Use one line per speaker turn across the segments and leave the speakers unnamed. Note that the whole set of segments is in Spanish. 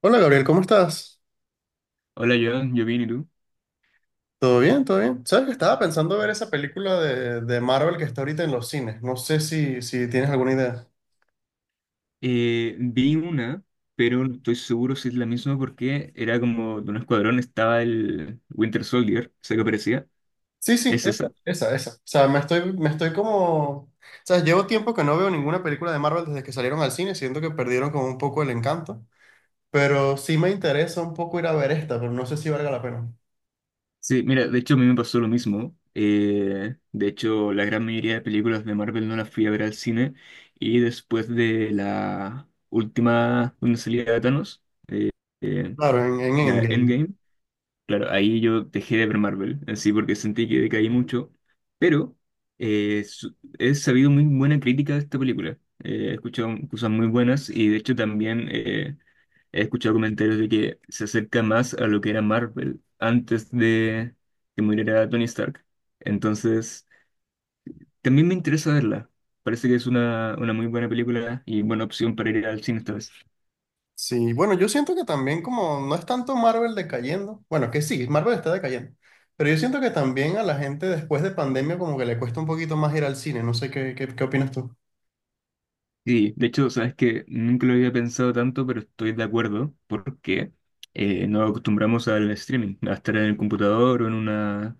Hola Gabriel, ¿cómo estás?
Hola, Joan, yo bien, ¿y tú?
¿Todo bien? ¿Todo bien? Sabes que estaba pensando ver esa película de Marvel que está ahorita en los cines. No sé si tienes alguna idea.
Vi una, pero no estoy seguro si es la misma porque era como de un escuadrón, estaba el Winter Soldier, sé que aparecía.
Sí, sí,
¿Es
esa,
esa?
esa, esa. O sea, me estoy como... sabes, llevo tiempo que no veo ninguna película de Marvel desde que salieron al cine. Siento que perdieron como un poco el encanto. Pero sí me interesa un poco ir a ver esta, pero no sé si valga la pena.
Sí, mira, de hecho a mí me pasó lo mismo. De hecho, la gran mayoría de películas de Marvel no las fui a ver al cine. Y después de la última donde salía Thanos, eh,
Claro, en
la
Endgame.
Endgame, claro, ahí yo dejé de ver Marvel, así porque sentí que decaí mucho, pero he sabido muy buena crítica de esta película. He escuchado cosas muy buenas y de hecho también he escuchado comentarios de que se acerca más a lo que era Marvel antes de que muriera Tony Stark. Entonces, también me interesa verla. Parece que es una muy buena película y buena opción para ir al cine esta vez.
Sí, bueno, yo siento que también como no es tanto Marvel decayendo, bueno, que sí, Marvel está decayendo, pero yo siento que también a la gente después de pandemia como que le cuesta un poquito más ir al cine, no sé qué, qué opinas tú.
Sí, de hecho, sabes que nunca lo había pensado tanto, pero estoy de acuerdo porque nos acostumbramos al streaming, a estar en el computador o en una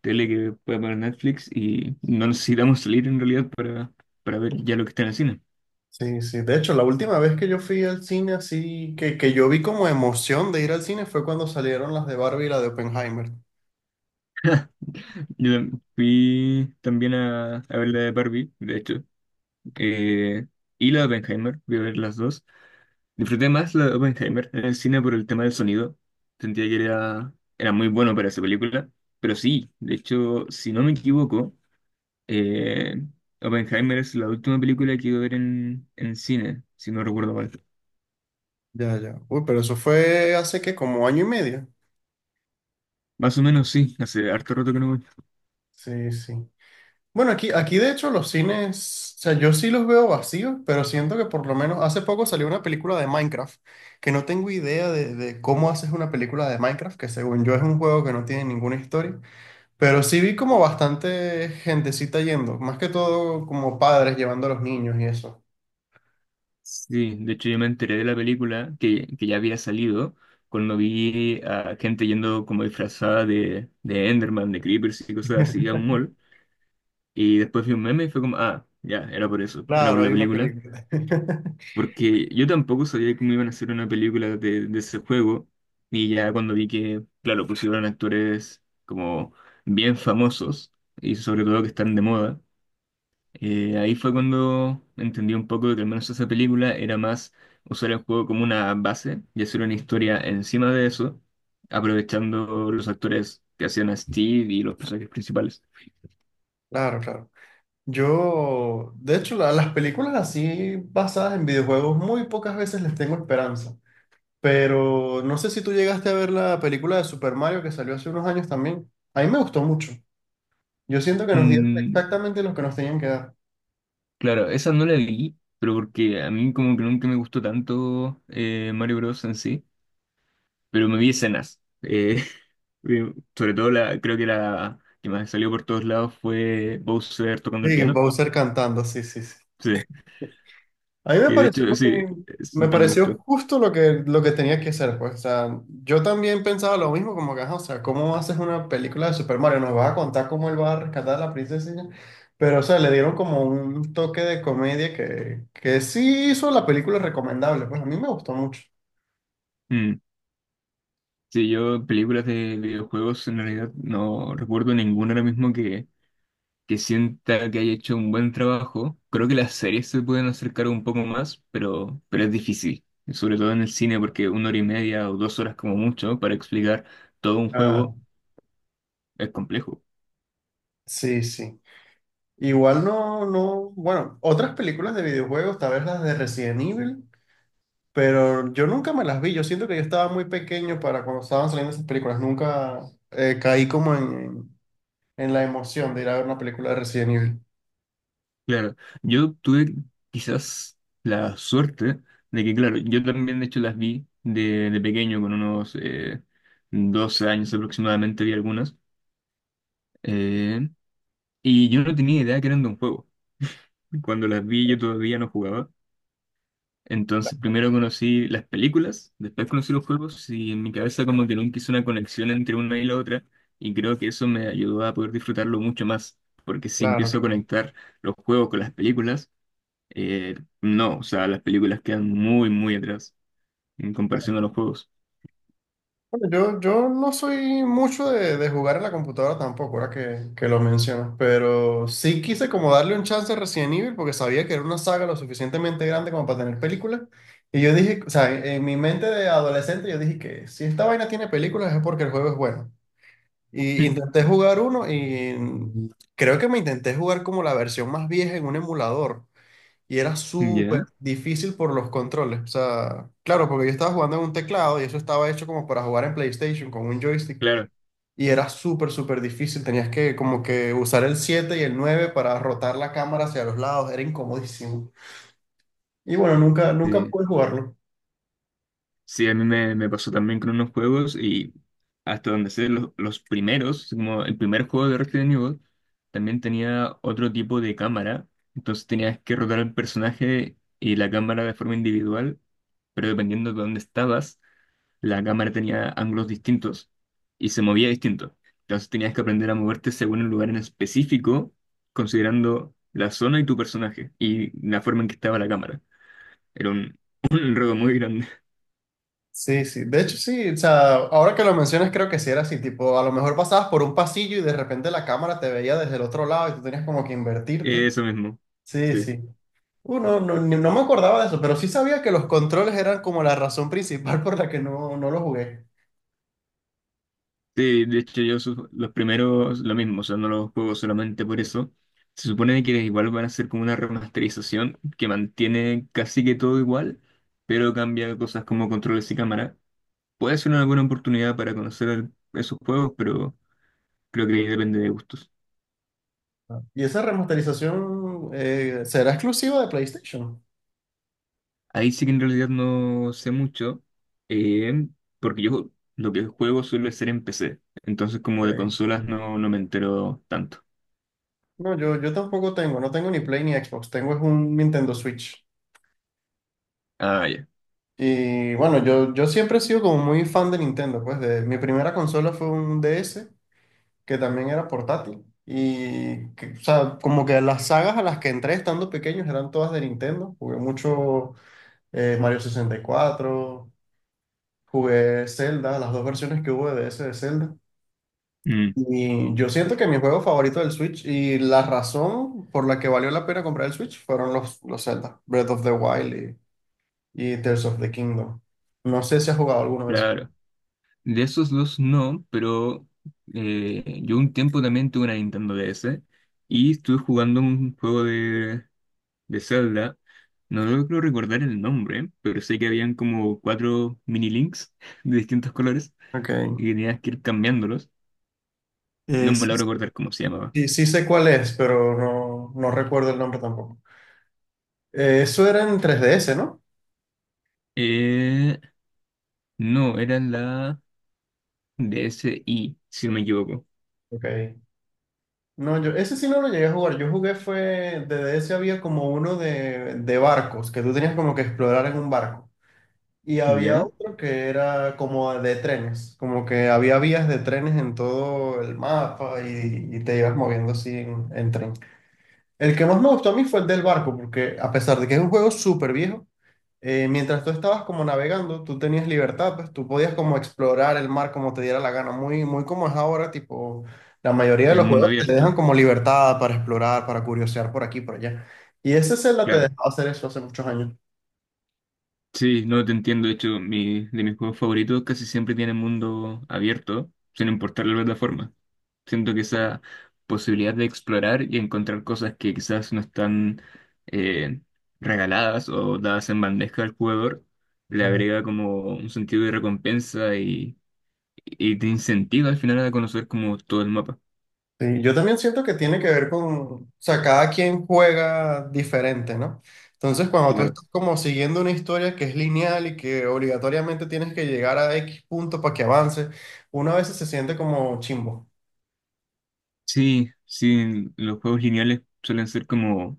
tele que pueda poner Netflix y no necesitamos salir en realidad para ver ya lo que está en el cine.
Sí, sí, de hecho, la última vez que yo fui al cine así, que yo vi como emoción de ir al cine fue cuando salieron las de Barbie y la de Oppenheimer.
Yo fui también a ver la de Barbie, de hecho, eh, y la de Oppenheimer, voy a ver las dos. Disfruté más la de Oppenheimer en el cine por el tema del sonido, sentía que era muy bueno para esa película. Pero sí, de hecho, si no me equivoco, Eh, Oppenheimer es la última película que iba a ver en cine, si no recuerdo mal.
Ya, ya. Uy, pero eso fue hace que como año y medio.
Más o menos sí, hace harto rato que no voy.
Sí, sí. Bueno, aquí de hecho los cines, o sea, yo sí los veo vacíos, pero siento que por lo menos hace poco salió una película de Minecraft, que no tengo idea de cómo haces una película de Minecraft, que según yo es un juego que no tiene ninguna historia, pero sí vi como bastante gentecita yendo, más que todo como padres llevando a los niños y eso.
Sí, de hecho yo me enteré de la película que ya había salido cuando vi a gente yendo como disfrazada de Enderman, de Creepers y cosas así a un mall. Y después vi un meme y fue como, ah, ya, era por eso, era por
Claro,
la
hay una
película.
película.
Porque yo tampoco sabía cómo iban a hacer una película de ese juego. Y ya cuando vi que, claro, pusieron actores como bien famosos y sobre todo que están de moda, ahí fue cuando entendí un poco de que al menos esa película era más usar el juego como una base y hacer una historia encima de eso, aprovechando los actores que hacían a Steve y los personajes principales.
Claro, claro. Yo, de hecho, las películas así basadas en videojuegos muy pocas veces les tengo esperanza. Pero no sé si tú llegaste a ver la película de Super Mario que salió hace unos años también. A mí me gustó mucho. Yo siento que nos dieron
Mm,
exactamente lo que nos tenían que dar.
claro, esa no la vi, pero porque a mí como que nunca me gustó tanto Mario Bros. En sí. Pero me vi escenas. Sobre todo la, creo que la que más salió por todos lados fue Bowser tocando el
Sí,
piano.
Bowser cantando, sí, sí, sí.
Sí,
A mí me
que de
pareció,
hecho sí, eso
me
no me
pareció
gustó.
justo lo que tenía que ser, pues. O sea, yo también pensaba lo mismo, como que, ajá, o sea, ¿cómo haces una película de Super Mario? ¿Nos vas a contar cómo él va a rescatar a la princesa y ya? Pero, o sea, le dieron como un toque de comedia que sí hizo la película recomendable. Pues a mí me gustó mucho.
Mm. Sí, yo películas de videojuegos en realidad no recuerdo ninguna ahora mismo que sienta que haya hecho un buen trabajo. Creo que las series se pueden acercar un poco más, pero es difícil. Sobre todo en el cine, porque una hora y media o 2 horas como mucho para explicar todo un
Ah,
juego es complejo.
sí, sí. Igual no, no, bueno, otras películas de videojuegos, tal vez las de Resident Evil, pero yo nunca me las vi. Yo siento que yo estaba muy pequeño para cuando estaban saliendo esas películas. Nunca caí como en la emoción de ir a ver una película de Resident Evil.
Claro, yo tuve quizás la suerte de que, claro, yo también de hecho las vi de pequeño, con unos 12 años aproximadamente vi algunas, eh, y yo no tenía idea que eran de un juego. Cuando las vi yo todavía no jugaba, entonces primero conocí las películas, después conocí los juegos y en mi cabeza como que nunca hice una conexión entre una y la otra, y creo que eso me ayudó a poder disfrutarlo mucho más, porque si
Claro,
empiezo a
claro.
conectar los juegos con las películas, Eh, no, o sea, las películas quedan muy, muy atrás en comparación a los juegos.
Bueno, Yo no soy mucho de jugar en la computadora tampoco, ahora que lo mencionas, pero sí quise como darle un chance a Resident Evil porque sabía que era una saga lo suficientemente grande como para tener películas. Y yo dije, o sea, en mi mente de adolescente yo dije que si esta vaina tiene películas es porque el juego es bueno. Y intenté jugar uno y creo que me intenté jugar como la versión más vieja en un emulador. Y era
Mm.
súper
¿Ya?
difícil por los controles. O sea, claro, porque yo estaba jugando en un teclado y eso estaba hecho como para jugar en PlayStation con un joystick.
Claro.
Y era súper, súper difícil. Tenías que como que usar el 7 y el 9 para rotar la cámara hacia los lados. Era incomodísimo. Y bueno, nunca, nunca
Sí,
pude jugarlo.
sí, a mí me pasó también con unos juegos y hasta donde sé, los primeros, como el primer juego de Resident Evil, también tenía otro tipo de cámara. Entonces tenías que rotar al personaje y la cámara de forma individual, pero dependiendo de dónde estabas, la cámara tenía ángulos distintos y se movía distinto. Entonces tenías que aprender a moverte según el lugar en específico, considerando la zona y tu personaje y la forma en que estaba la cámara. Era un, un enredo muy grande.
Sí, sí. De hecho, sí. O sea, ahora que lo mencionas, creo que sí era así. Tipo, a lo mejor pasabas por un pasillo y de repente la cámara te veía desde el otro lado y tú tenías como que invertirte.
Eso mismo.
Sí,
Sí.
sí. No, no, no me acordaba de eso, pero sí sabía que los controles eran como la razón principal por la que no, no lo jugué.
Sí, de hecho yo los primeros lo mismo, o sea, no los juego solamente por eso. Se supone que igual van a ser como una remasterización que mantiene casi que todo igual, pero cambia cosas como controles y cámara. Puede ser una buena oportunidad para conocer esos juegos, pero creo que ahí depende de gustos.
Ah, ¿y esa remasterización será exclusiva de PlayStation?
Ahí sí que en realidad no sé mucho, eh, porque yo lo que juego suele ser en PC, entonces como de
Ok.
consolas no, no me entero tanto.
No, yo tampoco tengo, no tengo ni Play ni Xbox, tengo es un Nintendo Switch.
Ah, ya.
Y bueno, yo siempre he sido como muy fan de Nintendo, pues de, mi primera consola fue un DS, que también era portátil. Y, que, o sea, como que las sagas a las que entré estando pequeños eran todas de Nintendo. Jugué mucho Mario 64, jugué Zelda, las dos versiones que hubo de ese de Zelda.
Mm,
Y yo siento que mi juego favorito del Switch y la razón por la que valió la pena comprar el Switch fueron los Zelda, Breath of the Wild y Tears of the Kingdom. No sé si has jugado alguna vez.
claro. De esos dos no, pero yo un tiempo también tuve una Nintendo DS y estuve jugando un juego de Zelda. No logro recordar el nombre, pero sé que habían como cuatro mini links de distintos colores
Ok.
y tenías que ir cambiándolos. No me logro
S-
recordar cómo se llamaba.
sí, sí sé cuál es, pero no, no recuerdo el nombre tampoco. Eso era en 3DS, ¿no?
Eh, no, era la DSi si no me equivoco.
Ok. No, yo ese sí no lo llegué a jugar. De DS había como uno de barcos, que tú tenías como que explorar en un barco. Y había
¿Ya?
otro que era como de trenes, como que había vías de trenes en todo el mapa y te ibas moviendo así en tren. El que más me gustó a mí fue el del barco, porque a pesar de que es un juego súper viejo, mientras tú estabas como navegando, tú tenías libertad, pues tú podías como explorar el mar como te diera la gana, muy, muy como es ahora, tipo, la mayoría de
El
los
mundo
juegos te dejan
abierto,
como libertad para explorar, para curiosear por aquí, y por allá. Y ese Zelda te
claro.
dejaba hacer eso hace muchos años.
Sí, no te entiendo. De hecho, de mis juegos favoritos casi siempre tienen mundo abierto, sin importar la plataforma. Siento que esa posibilidad de explorar y encontrar cosas que quizás no están eh, regaladas o dadas en bandeja al jugador, le agrega como un sentido de recompensa y te incentiva al final a conocer como todo el mapa.
Sí, yo también siento que tiene que ver con, o sea, cada quien juega diferente, ¿no? Entonces, cuando tú, claro,
Claro.
estás como siguiendo una historia que es lineal y que obligatoriamente tienes que llegar a X punto para que avance, uno a veces se siente como chimbo.
Sí, sí, los juegos lineales suelen ser como,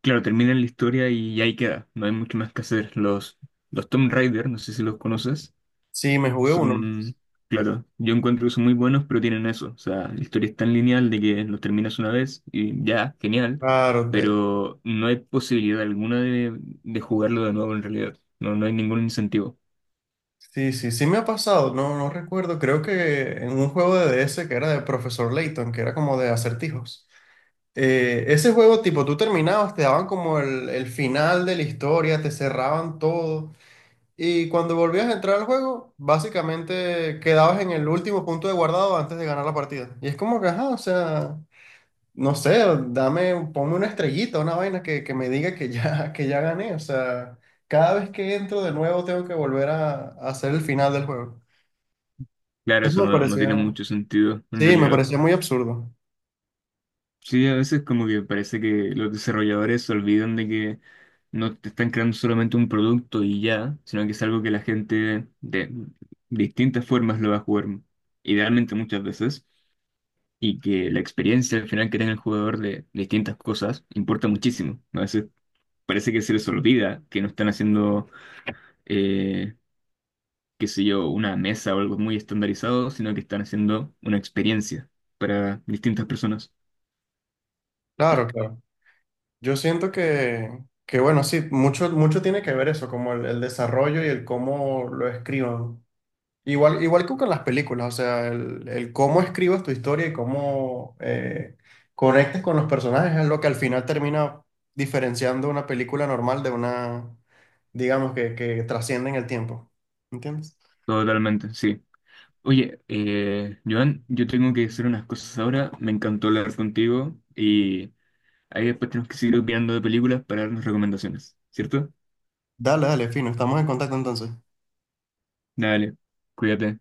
claro, terminan la historia y ahí queda, no hay mucho más que hacer. Los Tomb Raider, no sé si los conoces.
Sí, me jugué uno.
Son, claro, yo encuentro que son muy buenos, pero tienen eso. O sea, la historia es tan lineal de que los terminas una vez y ya, genial,
Claro, de-
pero no hay posibilidad alguna de jugarlo de nuevo en realidad. No, no hay ningún incentivo.
sí, sí, sí me ha pasado, no, no recuerdo, creo que en un juego de DS que era de Profesor Layton, que era como de acertijos. Ese juego, tipo, tú terminabas, te daban como el final de la historia, te cerraban todo. Y cuando volvías a entrar al juego, básicamente quedabas en el último punto de guardado antes de ganar la partida. Y es como que, ajá, o sea, no sé, dame, ponme una estrellita, una vaina que me diga que ya, que ya gané. O sea, cada vez que entro de nuevo tengo que volver a hacer el final del juego.
Claro,
Eso
eso
me
no, no tiene
parecía,
mucho sentido en
sí, me
realidad.
parecía muy absurdo.
Sí, a veces como que parece que los desarrolladores se olvidan de que no te están creando solamente un producto y ya, sino que es algo que la gente de distintas formas lo va a jugar, idealmente muchas veces, y que la experiencia al final que tenga el jugador de distintas cosas importa muchísimo, ¿no? A veces parece que se les olvida que no están haciendo, eh, qué sé yo, una mesa o algo muy estandarizado, sino que están haciendo una experiencia para distintas personas.
Claro, claro. Yo siento que bueno, sí, mucho, mucho tiene que ver eso, como el desarrollo y el cómo lo escriban. Igual, igual que con las películas, o sea, el cómo escribas tu historia y cómo conectas con los personajes es lo que al final termina diferenciando una película normal de una, digamos, que trasciende en el tiempo. ¿Entiendes?
Totalmente, sí. Oye, Joan, yo tengo que hacer unas cosas ahora. Me encantó hablar contigo y ahí después tenemos que seguir opinando de películas para darnos recomendaciones, ¿cierto?
Dale, dale, fino, estamos en contacto entonces.
Dale, cuídate.